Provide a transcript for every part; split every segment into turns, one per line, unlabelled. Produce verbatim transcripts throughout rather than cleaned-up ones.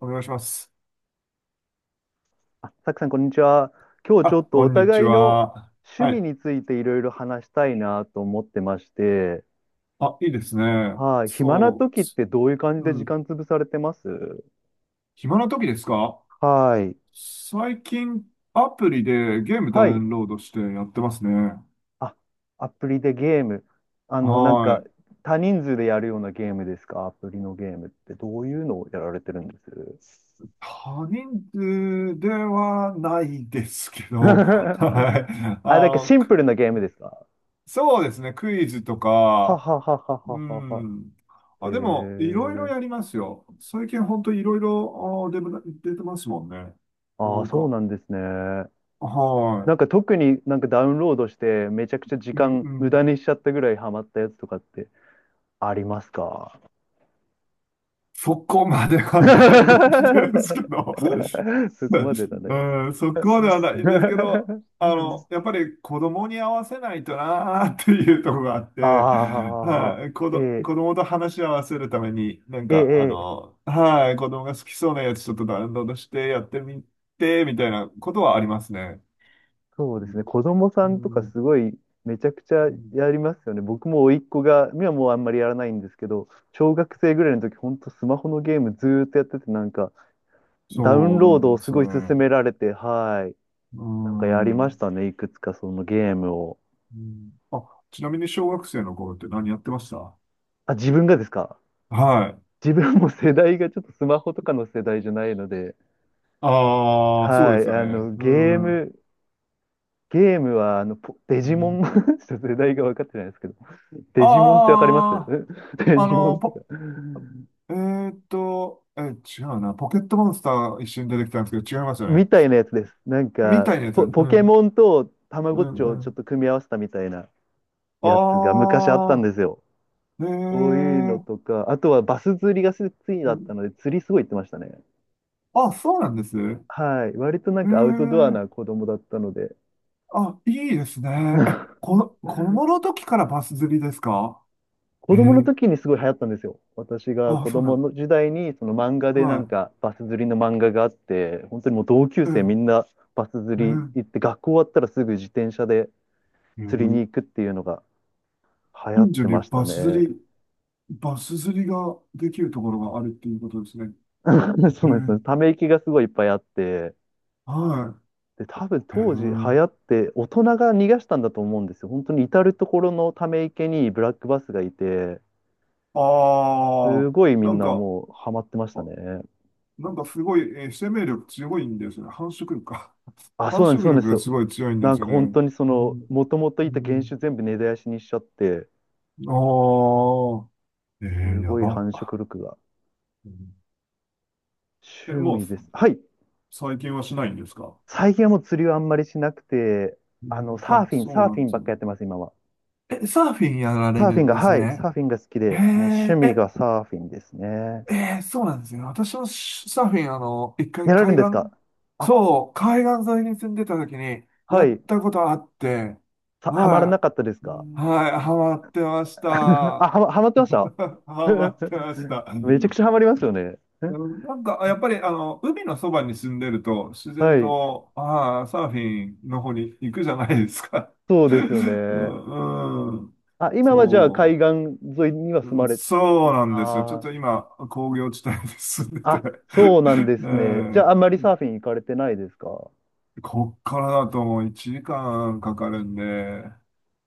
お願いします。
あ、さくさん、こんにちは。今日ち
あ、
ょっと
こ
お
んにち
互いの
は。
趣
は
味
い。
についていろいろ話したいなと思ってまして、
あ、いいですね。
はい、暇な
そ
時ってどういう感じ
う。う
で時
ん。
間潰されてます
暇な時ですか？
はい。
最近、アプリでゲームダ
は
ウ
い、
ンロードしてやってますね。
あ、アプリでゲーム。あの、なん
は
か、
い。
多人数でやるようなゲームですかアプリのゲームってどういうのをやられてるんです
他人数ではないですけ ど、はい。あ
あ、なんか
の、
シン
く
プルなゲームですか
そうですね。クイズと
は
か、
ははは
う
ははは。
ん。
へ
あ、でも、いろいろ
え。
やりますよ。最近本当いろいろ、あ、出て出てますもんね。な
ああ、
ん
そう
か。
なんですね。な
は
んか特になんかダウンロードしてめちゃくちゃ時
い。うん
間
う
無
ん。
駄にしちゃったぐらいハマったやつとかってありますか
そこまではないんですけ ど、
そこまでだね。
うん、そこまではないんですけど、あの、やっぱり子供に合わせないとなーっていうところがあって、はい、子
あ
ど、子
あ、ええ
供と話し合わせるために、なん
え
か、あ
えええ
の、はい、子供が好きそうなやつちょっとダウンロードしてやってみて、みたいなことはありますね。
そうですね。子供
う
さんと
ん、
か
う
す
ん、
ごいめちゃくちゃやりますよね。僕も甥っ子が、今はもうあんまりやらないんですけど、小学生ぐらいの時、ほんとスマホのゲームずーっとやってて、なんかダウン
そう
ロ
な
ード
ん
を
で
す
すよ
ごい勧
ね。
められて、はい。
う
なんかやりまし
ん。
たね。いくつかそのゲームを。
うん。あ、ちなみに小学生の頃って何やってました？
あ、自分がですか
はい。
自分も世代がちょっとスマホとかの世代じゃないので、
ああ、そう
は
で
い、
すよ
あ
ね。
の、
う
ゲー
ん。う
ム、ゲームは、あの、ポデジモ
ん、
ン ちょっと世代が分かってないですけど、デジモンってわかります
あ
デ
あ、あ
ジモ
の、
ンとか。
ポ、えーっと、え、違うな。ポケットモンスター一瞬出てきたんですけど、違いますよね。
みたいなやつです。なん
み
か、
たいなやつ。
ポ、
う
ポケ
ん。
モンとたま
う
ごっち
ん、う
をちょっ
ん。
と組み合わせたみたいなやつが昔あったん
ああ、
ですよ。
え
そういうの
ー。
とか、あとはバス釣りが好き
う
だった
ん
ので、釣りすごい行ってましたね。
あ、そうなんです。え
はい。割となんかアウトドアな
ー。
子供だったので、
あ、いいですね。え、この、子供の時からバス釣りですか？え
子供の
ー。
時にすごい流行ったんですよ。私が
あ、
子
そうな
供
ん。
の時代にその漫画で
は
なんかバス釣りの漫画があって、本当にもう同級生み
い。
ん
ええ
なバス釣り
ね
行って、学校終わったらすぐ自転車で
えう
釣りに
ん
行くっていうのが流行っ
近所
て
に
ました
バス釣
ね。
り、バス釣りができるところがあるっていうことですね。え
そうなんです
ー、
ね。ため息がすごいいっぱいあって、で、多分
はい。え
当時流行
え
って大人が逃がしたんだと思うんですよ。本当に至る所のため池にブラックバスがいて、
あ
す
あ、
ごいみ
な
ん
ん
な
か、
もうハマってました
あ、
ね。
なんかすごい、えー生命力強いんですよね。繁殖力か。
あ、
繁
そうなんです、
殖
そうなん
力
です
がす
よ。
ごい強いんで
な
す
ん
よ
か
ね。
本当にそ
う
の、
ん、
もともと
う
いた原
ん。
種全部根絶やしにしちゃって、
ああ、えー、
す
や
ごい繁
ば。
殖力が。
うんえ、
趣
もう、
味です。はい。
最近はしないんですか？
最近はもう釣りはあんまりしなくて、
う
あの、
ん、
サー
あ、
フィン、
そう
サー
な
フ
ん
ィ
で
ン
す
ばっ
よ。
かやってます、今は。
え、サーフィンやられ
サーフ
る
ィン
ん
が、
です
はい、
ね。
サーフィンが好き
へ
で、もう趣
え、
味
え、
がサーフィンですね。
ええそうなんですよね。私のサーフィン、あの、一回
やられるん
海
ですか
岸、
あ、
そう、海岸沿いに住んでた時にや
は
っ
い。
たことあって、
さ、ハマらな
は
かったです
い
か
はい、ハマってました。
あ、
ハ
はま、ハマってました
マってました。
めちゃくちゃハマりますよね。
うんなんか、やっぱり、あの、海のそばに住んでると、自
は
然
い。
と、ああ、サーフィンの方に行くじゃないですか。
そうですよ
う
ね。
ん、うん、
あ、今はじゃあ海岸
そう。
沿いには住
う
ま
ん
れ、
そうなんですよ。ちょっ
あ
と今、工業地帯で住んで
あ、
て
あ、そうなん で
え
すね。じゃああんま
ー
りサーフィン行かれてないですか
こっからだともういちじかんかんかかるんで、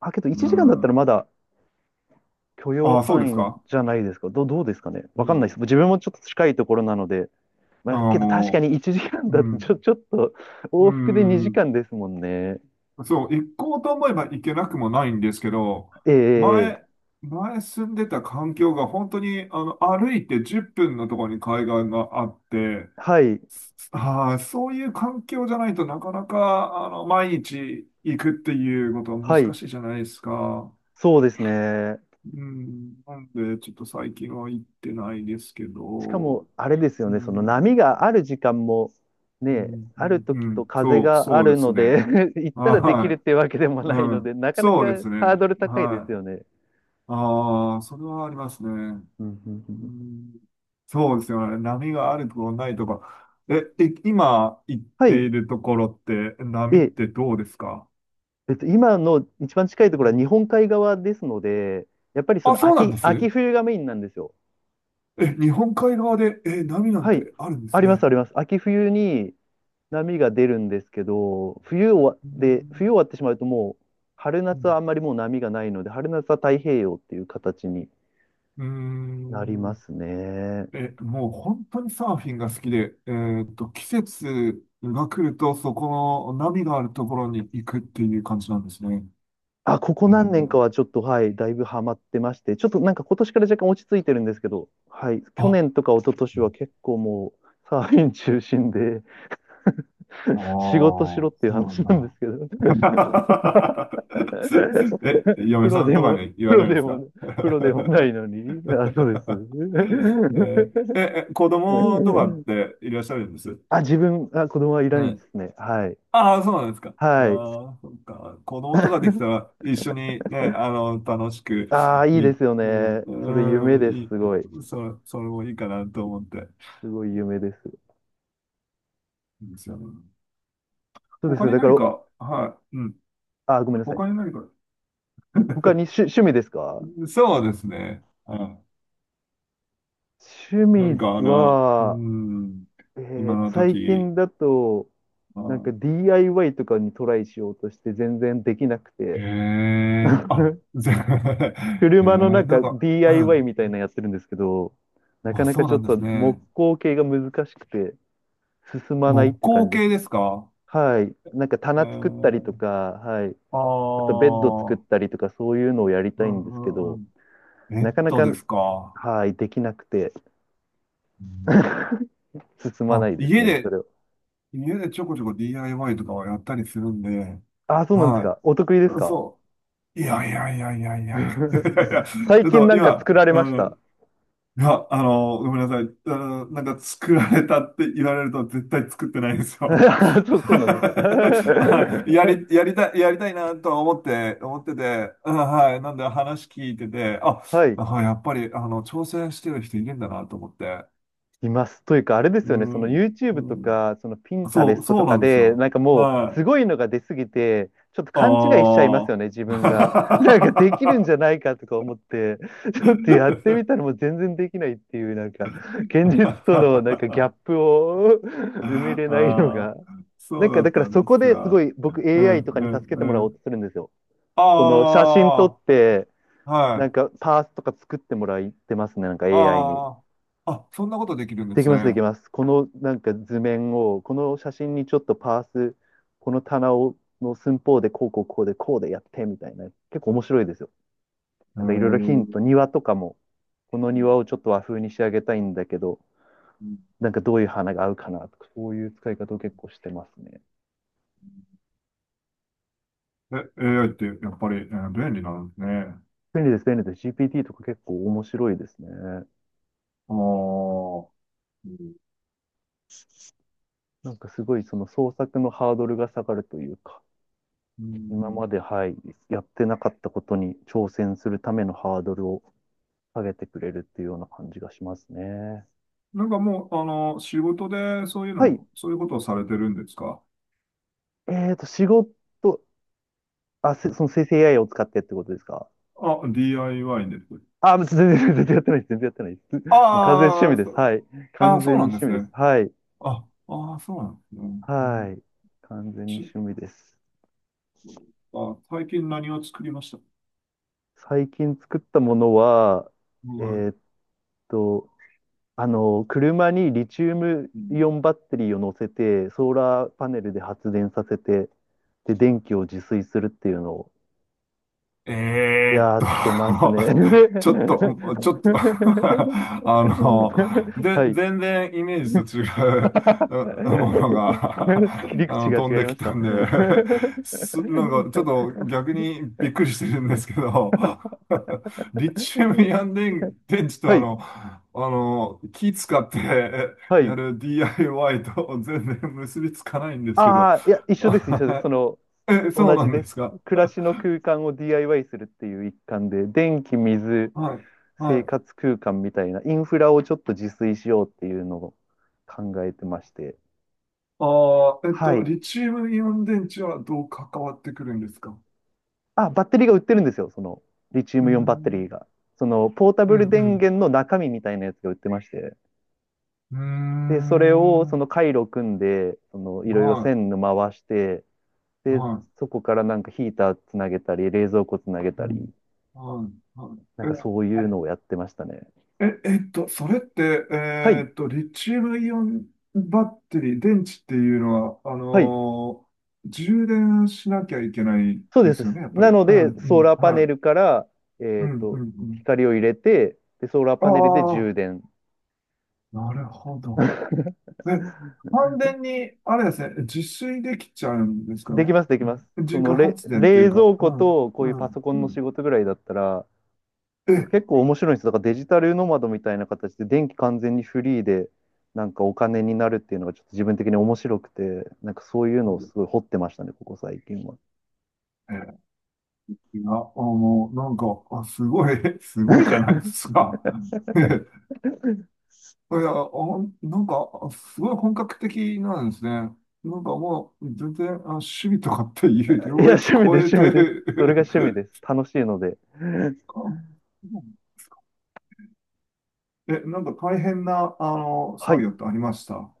あ、けど
う
いちじかんだったらま
ん。
だ許容
ああ、そうです
範囲
か？
じゃないですかど、どうですかね
う
わかんないで
ん。
す。自分もちょっと近いところなので。まあ、
ああ、
けど確か
も
にいちじかん
う、
だ
う
とち
ん。
ょ、ちょっと
う
往復で2
ん。
時間ですもんね。
そう、行こうと思えば行けなくもないんですけど、
え
前、
え
前住んでた環境が本当に、あの、歩いてじゅっぷんのところに海岸があって、
はい、
ああ、そういう環境じゃないとなかなか、あの、毎日行くっていうことは難
はい、
しいじゃないですか。
そうですね。
うん。なんで、ちょっと最近は行ってないですけ
しかも、
ど、
あれです
う
よね、その波
ん、
がある時間も、
う
ね、
ん、う
ある
ん、
時
う
と
ん
風
そう、
があ
そう
る
です
ので
ね。
行ったらできるっ
は
ていうわけでも
い。
ない
う
ので、
ん。
なかな
そ
か
うです
ハー
ね。
ドル高いです
はい。
よね。
ああ、それはありますね。
うんうんう
う
ん
ん、そうですよね。波があるところないとか。え、い今行っ
は
て
い。
いるところって、波っ
え、
てどうですか？
えっと、今の一番近いと
う
ころは日
ん。
本海側ですので、やっぱりそ
あ、
の
そうなんで
秋、秋
す。
冬がメインなんですよ。
え、日本海側で、え、波なん
はい。
てあるんで
あ
す
ります、
ね。
あります。秋冬に波が出るんですけど、冬終わ、
う
で、冬
ん。
終わってしまうともう、春
う
夏は
ん。
あんまりもう波がないので、春夏は太平洋っていう形に
うー
なり
ん
ますね。
え、もう本当にサーフィンが好きで、えーっと、季節が来ると、そこの波があるところに行くっていう感じなんですね。
あ、ここ
え
何年か
ー
はちょっと、はい、だいぶハマってまして、ちょっとなんか今年から若干落ち着いてるんですけど、はい、去
あ、
年とか一昨
う
年は
ん
結構もう、サーフィン中心で
あ
仕
ー、
事しろっていう
そうなん
話なんです
だ。
けど
え、
プ
嫁
ロ
さん
で
とか
も、
に言
プ
わ
ロ
れるん
で
です
も
か？
ね、プロでもないのに、あ、そ うです。
えーえ、え子供とかっていらっしゃるんです？
あ、自分、あ、子供はいな
は
いで
い。
すね。はい。
ああ、そうなんですか。
はい。
ああ、そっか。子供とかでき たら一緒にね、あの、楽しく、
ああ、いい
い、
ですよ
うん、
ね。それ
う
夢
ん、
です。
いい、
すごい。
そ、それもいいかなと思って。
すごい夢です。
いいですよね。
そうで
他
す。
に
だか
何
ら、
か、はい、うん。
あ、ごめんなさ
他に
い。
何か、
他に趣、趣味ですか
そうですね。はい。
趣
何
味
か、あの、う
は、
ん、
え
今
ー
の
最
時、
近だと、
う
なんか
ん、
ディーアイワイ とかにトライしようとして全然できなく
へ
て、
え、あ、ぜ、へえ、
車の
なん
中
か、う
ディーアイワイ
ん。
みたいなのやってるんですけど、なか
あ、
なか
そう
ちょ
な
っ
んで
と
す
木
ね。
工系が難しくて進まないっ
木
て感
工
じです
系
ね。
ですか？
はい。なんか
え
棚作ったり
ー、
とか、はい。
あ
あとベッド作っ
あ、
たりとかそういうのをやり
う
たい
ん
んですけ
うんう
ど、
ん。ベ
な
ッ
かな
ド
か、
ですか。
はい、できなくて。
うん
進まな
あ、
いです
家
ね、そ
で、
れは。
家でちょこちょこ ディーアイワイ とかはやったりするんで、
あ、そうなんです
は
か。お得意です
い。
か
そう。いやいやいやいやいやいや。ち
最
ょっ
近
と
なんか
今、
作られ
う
まし
ん
た。
いや、あの、ごめんなさい。あの、なんか作られたって言われると絶対作ってないんです よ。
あそう、そうなんですか。
あやり、やりたい、やりたいなとは思って、思って、て、うんはい。なんで話聞いてて、あ、
はい。
なんかやっぱり、あの、挑戦してる人いるんだなと思って。
います。というか、あれです
う
よね、その
ん、う
YouTube と
ん、
か、その
そ
Pinterest
う、そ
と
う
か
なんです
で、な
よ。
んかもう、す
はい。
ごいのが出すぎて、ちょっと勘違いしちゃいますよ
あ
ね、自分が。なんかできるんじゃ
あ。
ないかとか思って、ちょっとやってみたらもう全然できないっていう、なんか、現実とのなんかギャッ プを 埋め
あ
れないの
あ、
がな
そ
ん
うだ
か、だ
っ
か
た
ら
ん
そ
で
こ
す
ですご
が。
い僕
う
エーアイ
ん、
とか
う
に助
ん、
けて
う
もらおうと
ん。
するんですよ。
あ
この写真撮って、
あ、は
なん
い。
かパーツとか作ってもらってますね、なんか エーアイ に。
ああ、あ、そんなことできるんで
でき
す
ます、でき
ね。
ます。このなんか図面を、この写真にちょっとパース、この棚をの寸法でこうこうこうでこうでやってみたいな。結構面白いですよ。
へ
なんかいろいろヒン
ー
ト、庭とかも、この庭をちょっと和風に仕上げたいんだけど、なんかどういう花が合うかなとか、そういう使い方を結構してますね。
え、エーアイ ってやっぱり、えー便利なんですね。
便利です、便利です。ジーピーティー とか結構面白いですね。
ああ、うん
なんかすごいその創作のハードルが下がるというか、
う
今
ん
まで、はい、やってなかったことに挑戦するためのハードルを下げてくれるっていうような感じがしますね。
なんかもう、あの、仕事でそういう
はい。
の、そういうことをされてるんですか？
えっと、仕事、あ、せその生成 エーアイ を使ってってことですか
あ、ディーアイワイ で。
あ、全然、全然やってないです。全然やってないです。もう完全に趣
あ
味
あ、
です。
そ、
はい。
あ、
完全
そ
に
うなんで
趣
す
味です。
ね。
はい。
あ、ああ、そうなんですね。う
は
ん
い。完全に
し
趣味です。
あ、最近何を作りました？
最近作ったものは、え
うん。
ーっと、あの、車にリチウム
う
イ
ん
オンバッテリーを乗せて、ソーラーパネルで発電させて、で、電気を自炊するっていうのを
えーっ
やってます
と
ね。
ちょっと、ちょっと あの、で、
はい。
全然イメージと違ううものが
切り
あ
口
の、
が違
飛ん
い
で
ま
き
し
た
た。
ん で す、なんかちょっと逆にびっくりしてるんですけど リチウムイオン電、電池と
は
あ
い、
の、あの、気使って
は
や
い。
る ディーアイワイ と全然結びつかないんですけど
ああ、いや、一緒です、一緒です。その、
え、そう
同
な
じ
んで
です。
すか？
暮らしの空間を ディーアイワイ するっていう一環で、電気、水、
はい。は
生
い
活空間みたいなインフラをちょっと自炊しようっていうのを考えてまして。
ああ、えっ
は
と、
い。
リチウムイオン電池はどう関わってくるんですか？
あ、バッテリーが売ってるんですよ。その、リチウ
うー
ムイオンバッテ
ん、
リーが。その、ポータ
う
ブ
ん、
ル
う
電
ん。
源の中身みたいなやつが売ってまして。
うー
で、それを、そ
ん、
の回路組んで、その、いろいろ
は
線の回して、
い、
で、
は
そこからなんかヒーターつなげたり、冷蔵庫つなげ
い、う
たり、
ん、はい、はい。
なん
え、
かそう
は
いうの
い
をやってましたね。
え、えっと、それって、
はい。
えっと、リチウムイオンバッテリー、電池っていうのは、あ
はい。
のー充電しなきゃいけない
そう
で
です。
すよね、やっぱ
な
り。
の
うん、
で、
う
ソーラ
ん、
ーパ
は
ネル
い。
から、
う
えっ
ん、うん、
と、
うん。
光を入れて、で、ソーラー
あ
パネルで充
あ、
電。
なるほど。で、完全に、あれですね、自炊できちゃうんですか
でき
ね。
ます、できます。そ
自
の
家
れ、
発電っていう
冷
か、
蔵
う
庫
ん、
とこ
う
ういうパ
ん、
ソコン
う
の仕
ん。
事ぐらいだったら、
え、
結構面白いんです。だからデジタルノマドみたいな形で電気完全にフリーで、なんかお金になるっていうのがちょっと自分的に面白くて、なんかそういうのをすごい掘ってましたね、ここ最近は。
え、いや、あの、なんか、あ、すごい、すごいじゃないですか。いや、あ、なんか、すごい本格的なんですね。なんかもう、全然、あ、趣味とかっていう
いや、
領域
趣味
超
で
え
す、趣味
て、
です。それが趣味です。楽しいので。
あえ、なんか大変な、あの、
は
作
い。
業ってありました？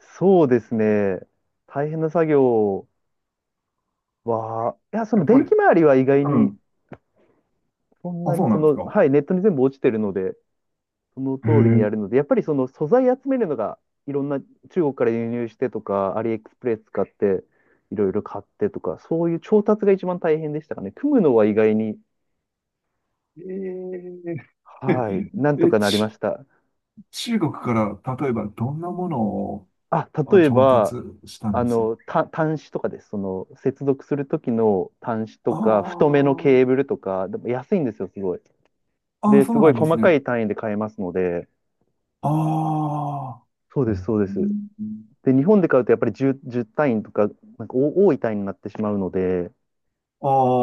そうですね。大変な作業は、いや、そ
や
の
っぱ
電
り、
気周りは意外
う
に、
ん。
そん
あ、
な
そ
に
う
そ
なんです
の、
か。
はい、ネットに全部落ちてるので、その
へ
通りに
え
やるので、やっぱりその素材集めるのが、いろんな中国から輸入してとか、アリエクスプレス使って、いろいろ買ってとか、そういう調達が一番大変でしたかね。組むのは意外に、
えー、
はい、な んと
え、
かなりま
ち、
した。
中国から例えばどんなものを
あ、
あ
例え
調達
ば、
したん
あ
ですか？
の、た端子とかです。その、接続するときの端子と
あ
か、太めのケー
ー
ブルとか、でも安いんですよ、すごい。
あー、
で、す
そう
ごい
なんです
細か
ね。
い単位で買えますので、
ああ、
そう
う
です、そうです。
ん
で、日本で買うとやっぱりじゅう、じゅう単位とか、なんかお多い単位になってしまうので、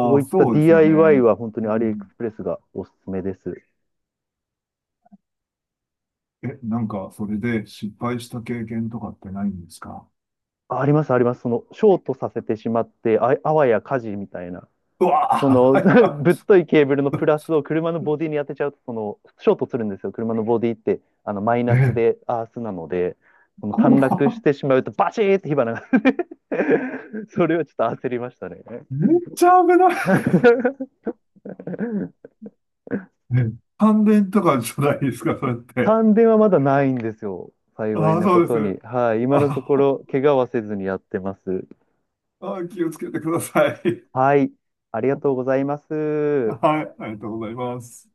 こう
あ、
いった
そうですよね。
ディーアイワイ は本当に
う
アリエク
ん。
スプレスがおすすめです。
え、なんかそれで失敗した経験とかってないんですか？
あ、あります、あります。その、ショートさせてしまって、あ、あわや火事みたいな。
うわ
その
あ、
ぶっ といケーブルのプラスを車のボディに当てちゃうと、その、ショートするんですよ。車のボディって、あの、マイナス
え、
でアースなので、その、
怖
短絡し
っ
てしまうと、バチーって火花が それはちょっと焦りましたね。
めっちゃ危ない。え感電とかじゃないですか、それって？
感電はまだないんですよ。幸い
ああ、
な
そ
こ
うで
とに。
す。
はい。今のとこ
あ
ろ、怪我はせずにやってます。
あ、気をつけてください。
はい。ありがとうございま す。
はい、ありがとうございます。